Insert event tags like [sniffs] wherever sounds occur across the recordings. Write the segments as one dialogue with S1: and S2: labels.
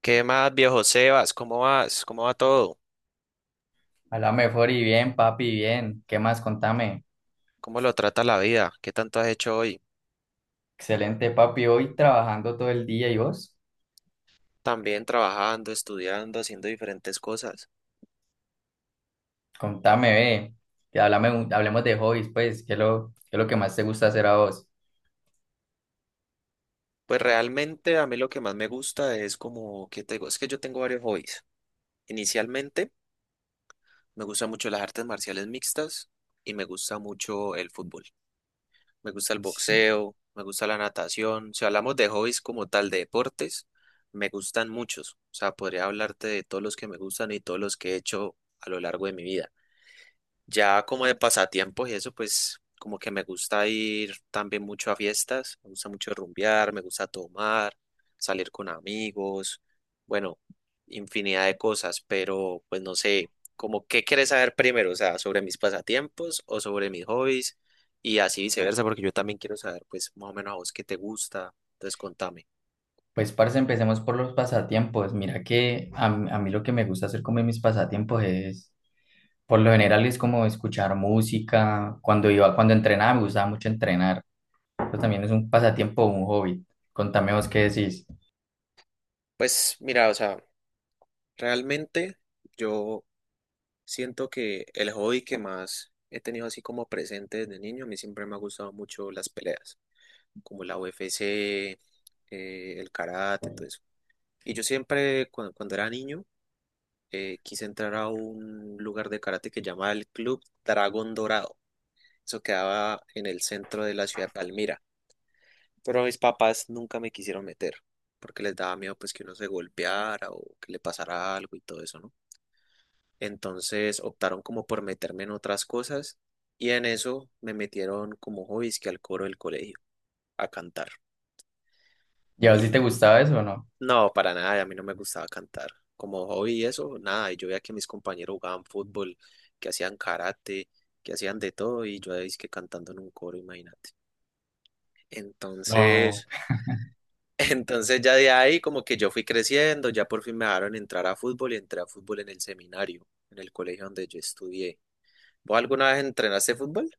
S1: ¿Qué más, viejo Sebas? ¿Cómo vas? ¿Cómo va todo?
S2: A la mejor y bien, papi, bien. ¿Qué más? Contame.
S1: ¿Cómo lo trata la vida? ¿Qué tanto has hecho hoy?
S2: Excelente, papi. Hoy trabajando todo el día y vos,
S1: También trabajando, estudiando, haciendo diferentes cosas.
S2: contame, ve. Hablemos de hobbies, pues. ¿Qué es lo que más te gusta hacer a vos?
S1: Pues realmente a mí lo que más me gusta es como que te digo, es que yo tengo varios hobbies. Inicialmente me gustan mucho las artes marciales mixtas y me gusta mucho el fútbol. Me gusta el
S2: Sí.
S1: boxeo, me gusta la natación. Si hablamos de hobbies como tal, de deportes, me gustan muchos. O sea, podría hablarte de todos los que me gustan y todos los que he hecho a lo largo de mi vida. Ya como de pasatiempos y eso, pues como que me gusta ir también mucho a fiestas, me gusta mucho rumbear, me gusta tomar, salir con amigos, bueno, infinidad de cosas, pero pues no sé, como qué quieres saber primero, o sea, sobre mis pasatiempos o sobre mis hobbies y así viceversa, porque yo también quiero saber pues más o menos a vos qué te gusta, entonces contame.
S2: Pues, parce, empecemos por los pasatiempos. Mira que a mí lo que me gusta hacer como en mis pasatiempos es, por lo general, es como escuchar música. Cuando entrenaba, me gustaba mucho entrenar. Eso también es un pasatiempo, un hobby. Contame vos qué decís.
S1: Pues mira, o sea, realmente yo siento que el hobby que más he tenido así como presente desde niño, a mí siempre me ha gustado mucho las peleas, como la UFC, el karate, todo eso. Y yo siempre, cuando era niño, quise entrar a un lugar de karate que llamaba el Club Dragón Dorado. Eso quedaba en el centro de la ciudad de Palmira. Pero mis papás nunca me quisieron meter, porque les daba miedo pues que uno se golpeara o que le pasara algo y todo eso, ¿no? Entonces optaron como por meterme en otras cosas y en eso me metieron como hobbies que al coro del colegio, a cantar.
S2: ¿Y a vos sí te
S1: Y
S2: gustaba eso o no?
S1: no, para nada, a mí no me gustaba cantar. Como hobby y eso, nada, y yo veía que mis compañeros jugaban fútbol, que hacían karate, que hacían de todo y yo ahí que cantando en un coro, imagínate.
S2: No.
S1: Entonces, [laughs] entonces ya de ahí como que yo fui creciendo, ya por fin me dejaron entrar a fútbol y entré a fútbol en el seminario, en el colegio donde yo estudié. ¿Vos alguna vez entrenaste fútbol?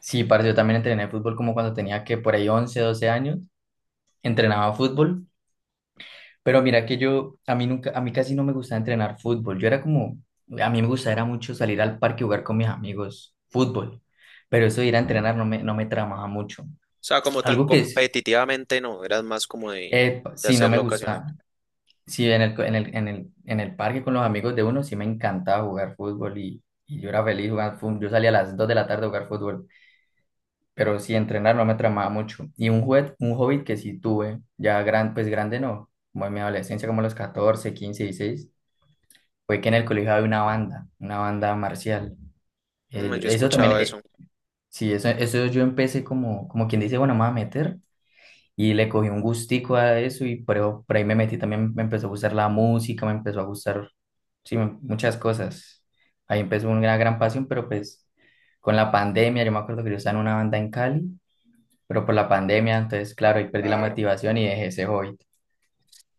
S2: Sí, parce, yo también entrené fútbol como cuando tenía que por ahí 11 12 años, entrenaba fútbol, pero mira que yo, a mí nunca, a mí casi no me gustaba entrenar fútbol, yo era como, a mí me gustaba era mucho salir al parque y jugar con mis amigos fútbol, pero eso de ir a entrenar no me tramaba mucho.
S1: O sea, como tan
S2: Algo que es,
S1: competitivamente no, eras más como de
S2: sí, no me
S1: hacerlo ocasional.
S2: gusta, sí, en en en el parque con los amigos de uno sí me encantaba jugar fútbol y yo era feliz jugando fútbol, yo salía a las 2 de la tarde a jugar fútbol. Pero sí, entrenar no me tramaba mucho. Y un hobby que sí tuve, pues grande no, como en mi adolescencia, como a los 14, 15, 16, fue que en el colegio había una banda marcial.
S1: Mm, yo he
S2: Eso
S1: escuchado
S2: también,
S1: eso.
S2: sí, eso yo empecé como, como quien dice, bueno, me voy a meter. Y le cogí un gustico a eso y por ahí me metí también, me empezó a gustar la música, me empezó a gustar, sí, muchas cosas. Ahí empezó una gran pasión, pero pues con la pandemia, yo me acuerdo que yo estaba en una banda en Cali, pero por la pandemia, entonces, claro, ahí perdí la
S1: Claro.
S2: motivación y dejé ese hobby.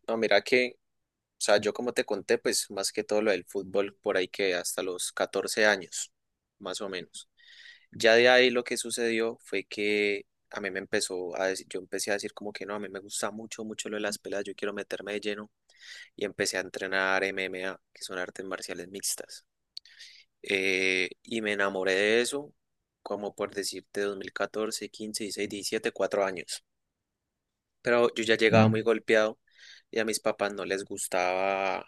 S1: No, mira que, o sea, yo como te conté, pues más que todo lo del fútbol, por ahí que hasta los 14 años, más o menos. Ya de ahí lo que sucedió fue que a mí me empezó a decir, yo empecé a decir como que no, a mí me gusta mucho, mucho lo de las peladas, yo quiero meterme de lleno y empecé a entrenar MMA, que son artes marciales mixtas. Y me enamoré de eso, como por decirte, 2014, 15, 16, 17, cuatro años. Pero yo ya llegaba muy
S2: Mm.
S1: golpeado y a mis papás no les gustaba,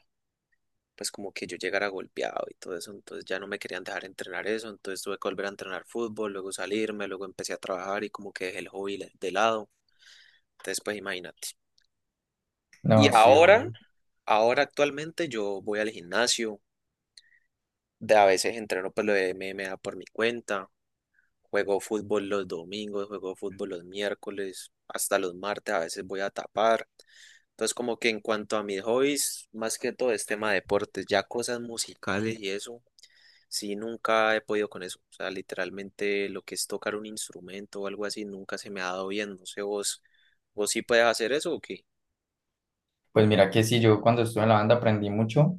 S1: pues como que yo llegara golpeado y todo eso, entonces ya no me querían dejar entrenar eso, entonces tuve que volver a entrenar fútbol, luego salirme, luego empecé a trabajar y como que dejé el hobby de lado. Entonces, pues imagínate.
S2: No,
S1: Y
S2: sí,
S1: ahora,
S2: obvio.
S1: ahora actualmente yo voy al gimnasio, de a veces entreno pues lo de MMA por mi cuenta. Juego fútbol los domingos, juego fútbol los miércoles, hasta los martes, a veces voy a tapar. Entonces, como que en cuanto a mis hobbies, más que todo es tema de deportes, ya cosas musicales y eso, sí, nunca he podido con eso. O sea, literalmente lo que es tocar un instrumento o algo así, nunca se me ha dado bien. No sé, vos sí puedes hacer eso o qué.
S2: Pues mira que sí, yo cuando estuve en la banda aprendí mucho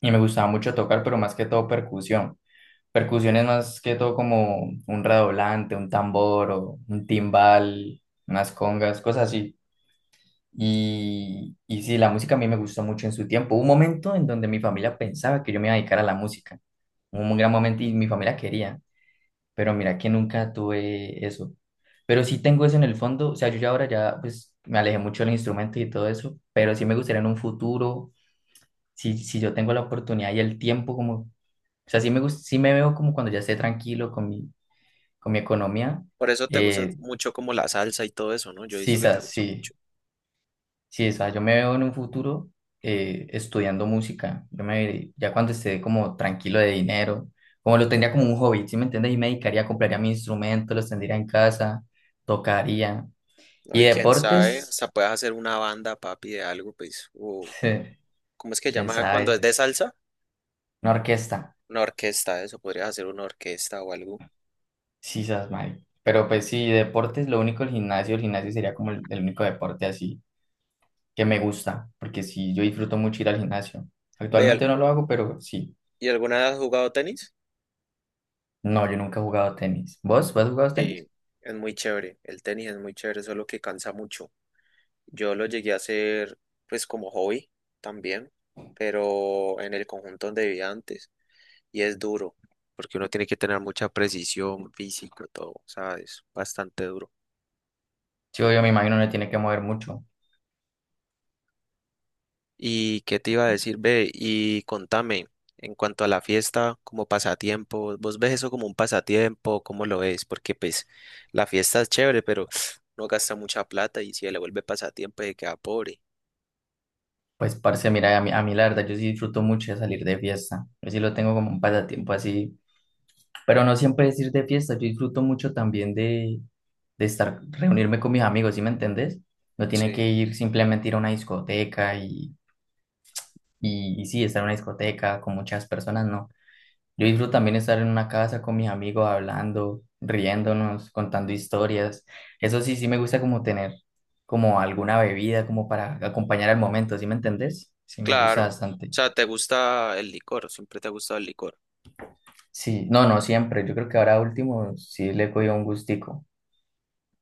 S2: y me gustaba mucho tocar, pero más que todo percusión. Percusión es más que todo como un redoblante, un tambor o un timbal, unas congas, cosas así. Y sí, la música a mí me gustó mucho en su tiempo. Hubo un momento en donde mi familia pensaba que yo me iba a dedicar a la música. Hubo un gran momento y mi familia quería, pero mira que nunca tuve eso. Pero sí tengo eso en el fondo, o sea, yo ya ahora ya pues me alejé mucho del instrumento y todo eso, pero sí me gustaría en un futuro, si yo tengo la oportunidad y el tiempo, como, o sea, sí me veo como cuando ya esté tranquilo con con mi economía,
S1: Por eso te gusta
S2: eh,
S1: mucho como la salsa y todo eso, ¿no? Yo he
S2: sí,
S1: visto que te gusta
S2: sí.
S1: mucho.
S2: Sí, o sea, yo me veo en un futuro estudiando música. Ya cuando esté como tranquilo de dinero, como lo tendría como un hobby, ¿sí me entiendes? Y me dedicaría, compraría mi instrumento, los tendría en casa, tocaría. Y
S1: Ay, quién sabe,
S2: deportes,
S1: hasta puedes hacer una banda, papi, de algo, pues, o
S2: [laughs]
S1: ¿cómo es que
S2: quién
S1: llama cuando es
S2: sabe,
S1: de salsa?
S2: una orquesta,
S1: Una orquesta, eso, podrías hacer una orquesta o algo.
S2: sí, sabes, mal. Pero pues sí, deportes, lo único el gimnasio sería como el único deporte así que me gusta, porque sí, yo disfruto mucho ir al gimnasio.
S1: Ve, al-
S2: Actualmente no lo hago, pero sí.
S1: ¿Y alguna vez has jugado tenis?
S2: No, yo nunca he jugado tenis. ¿Vos? ¿Vos has jugado tenis?
S1: Sí, es muy chévere. El tenis es muy chévere, solo que cansa mucho. Yo lo llegué a hacer, pues, como hobby también, pero en el conjunto donde vivía antes. Y es duro, porque uno tiene que tener mucha precisión física, todo, ¿sabes? Bastante duro.
S2: Sí, yo me imagino no tiene que mover mucho.
S1: ¿Y qué te iba a decir, ve? Y contame, en cuanto a la fiesta, como pasatiempo, ¿vos ves eso como un pasatiempo? ¿Cómo lo ves? Porque pues la fiesta es chévere, pero [sniffs] no gasta mucha plata y si le vuelve pasatiempo se queda pobre.
S2: Pues, parce, mira, a mí la verdad, yo sí disfruto mucho de salir de fiesta. Yo sí lo tengo como un pasatiempo así. Pero no siempre es ir de fiesta. Yo disfruto mucho también de estar, reunirme con mis amigos, ¿sí me entendés? No tiene
S1: Sí.
S2: que ir simplemente ir a una discoteca y sí, estar en una discoteca con muchas personas, no. Yo disfruto también estar en una casa con mis amigos hablando, riéndonos, contando historias. Eso sí, sí me gusta como tener como alguna bebida como para acompañar al momento, ¿sí me entendés? Sí me
S1: Claro.
S2: gusta
S1: O
S2: bastante.
S1: sea, te gusta el licor, siempre te ha gustado el licor.
S2: Sí, no, no siempre. Yo creo que ahora último sí le he cogido un gustico.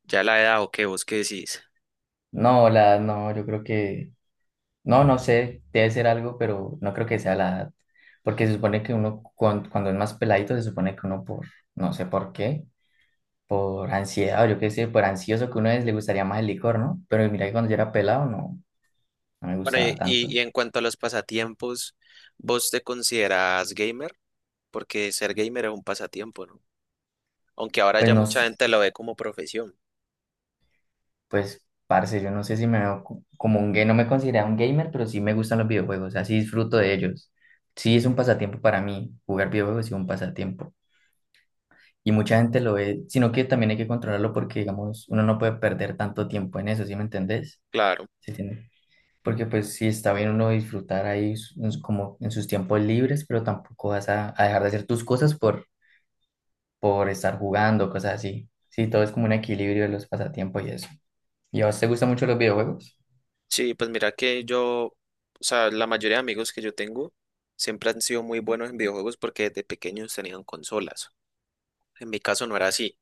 S1: Ya la edad o qué, vos qué decís.
S2: No, la edad no, yo creo no, no sé, debe ser algo, pero no creo que sea la edad. Porque se supone que cuando es más peladito se supone que uno no sé por qué, por ansiedad, o yo qué sé, por ansioso que uno es, le gustaría más el licor, ¿no? Pero mira que cuando yo era pelado no, no me
S1: Bueno,
S2: gustaba
S1: y, y
S2: tanto.
S1: y en cuanto a los pasatiempos, ¿vos te consideras gamer? Porque ser gamer es un pasatiempo, ¿no? Aunque ahora
S2: Pues
S1: ya
S2: no,
S1: mucha
S2: s-
S1: gente lo ve como profesión.
S2: pues parce, yo no sé si me veo como un gay, no me considero un gamer, pero sí me gustan los videojuegos, o sea, sí disfruto de ellos. Sí es un pasatiempo para mí, jugar videojuegos es un pasatiempo. Y mucha gente lo ve, sino que también hay que controlarlo porque, digamos, uno no puede perder tanto tiempo en eso, ¿sí me entendés?
S1: Claro.
S2: Sí. Porque pues sí está bien uno disfrutar ahí como en sus tiempos libres, pero tampoco vas a dejar de hacer tus cosas por estar jugando, cosas así. Sí, todo es como un equilibrio de los pasatiempos y eso. ¿Y a vos te gustan mucho los videojuegos?
S1: Sí, pues mira que yo, o sea, la mayoría de amigos que yo tengo siempre han sido muy buenos en videojuegos porque desde pequeños tenían consolas. En mi caso no era así.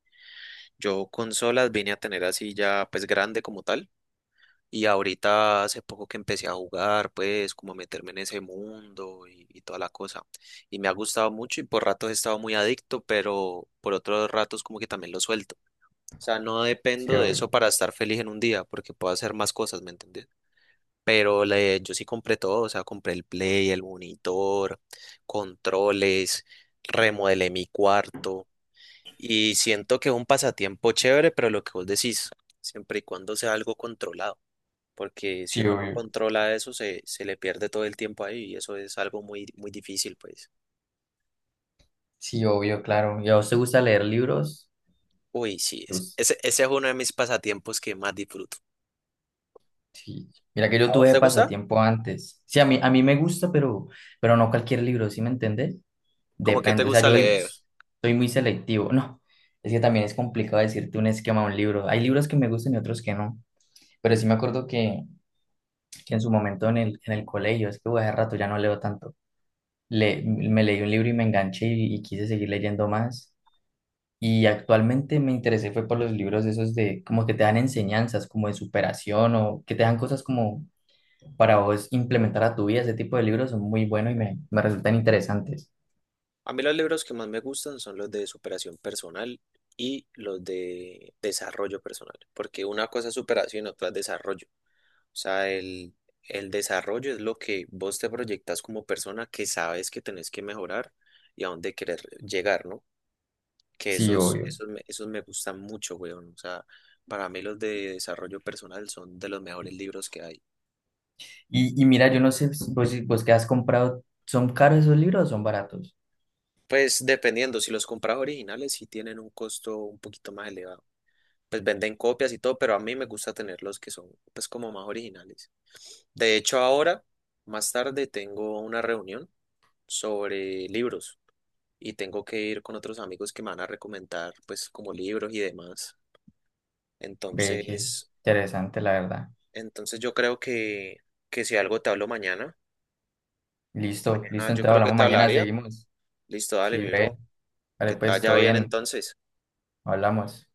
S1: Yo consolas vine a tener así ya pues grande como tal. Y ahorita hace poco que empecé a jugar, pues como a meterme en ese mundo y toda la cosa. Y me ha gustado mucho y por ratos he estado muy adicto, pero por otros ratos como que también lo suelto. O sea, no
S2: Sí,
S1: dependo de
S2: obvio.
S1: eso para estar feliz en un día porque puedo hacer más cosas, ¿me entendés? Pero yo sí compré todo, o sea, compré el play, el monitor, controles, remodelé mi cuarto y siento que es un pasatiempo chévere, pero lo que vos decís, siempre y cuando sea algo controlado, porque si
S2: Sí,
S1: uno no
S2: obvio.
S1: controla eso, se le pierde todo el tiempo ahí y eso es algo muy, muy difícil, pues.
S2: Sí, obvio, claro. ¿Y a vos te gusta leer libros?
S1: Uy, sí,
S2: ¿Te
S1: es-
S2: gus-
S1: ese, ese es uno de mis pasatiempos que más disfruto.
S2: Sí. Mira que yo
S1: ¿A vos
S2: tuve
S1: te gusta?
S2: pasatiempo antes. Sí, a mí me gusta, pero no cualquier libro, ¿sí me entendés?
S1: ¿Cómo que te
S2: Depende, o sea,
S1: gusta
S2: yo
S1: leer?
S2: soy muy selectivo. No, es que también es complicado decirte un esquema de un libro. Hay libros que me gustan y otros que no. Pero sí me acuerdo que en su momento en el colegio, es que bueno, hace rato ya no leo tanto. Me leí un libro y me enganché y quise seguir leyendo más. Y actualmente me interesé fue por los libros esos de como que te dan enseñanzas, como de superación o que te dan cosas como para vos implementar a tu vida. Ese tipo de libros son muy buenos y me resultan interesantes.
S1: A mí los libros que más me gustan son los de superación personal y los de desarrollo personal, porque una cosa es superación y otra es desarrollo. O sea, el desarrollo es lo que vos te proyectas como persona que sabes que tenés que mejorar y a dónde querer llegar, ¿no? Que
S2: Sí,
S1: esos,
S2: obvio.
S1: esos, me- esos me gustan mucho, weón. O sea, para mí los de desarrollo personal son de los mejores libros que hay.
S2: Y mira, yo no sé, si vos que has comprado, ¿son caros esos libros o son baratos?
S1: Pues dependiendo, si los compras originales sí tienen un costo un poquito más elevado. Pues venden copias y todo, pero a mí me gusta tener los que son pues como más originales. De hecho, ahora, más tarde, tengo una reunión sobre libros y tengo que ir con otros amigos que me van a recomendar pues como libros y demás.
S2: Ve, qué
S1: Entonces,
S2: interesante, la verdad.
S1: entonces yo creo que, si algo te hablo mañana,
S2: Listo,
S1: mañana
S2: listo,
S1: yo
S2: entonces
S1: creo que
S2: hablamos
S1: te
S2: mañana,
S1: hablaría.
S2: seguimos.
S1: Listo, dale,
S2: Sí,
S1: mi
S2: re,
S1: bro,
S2: vale,
S1: que te
S2: pues
S1: vaya
S2: todo
S1: bien
S2: bien,
S1: entonces.
S2: hablamos.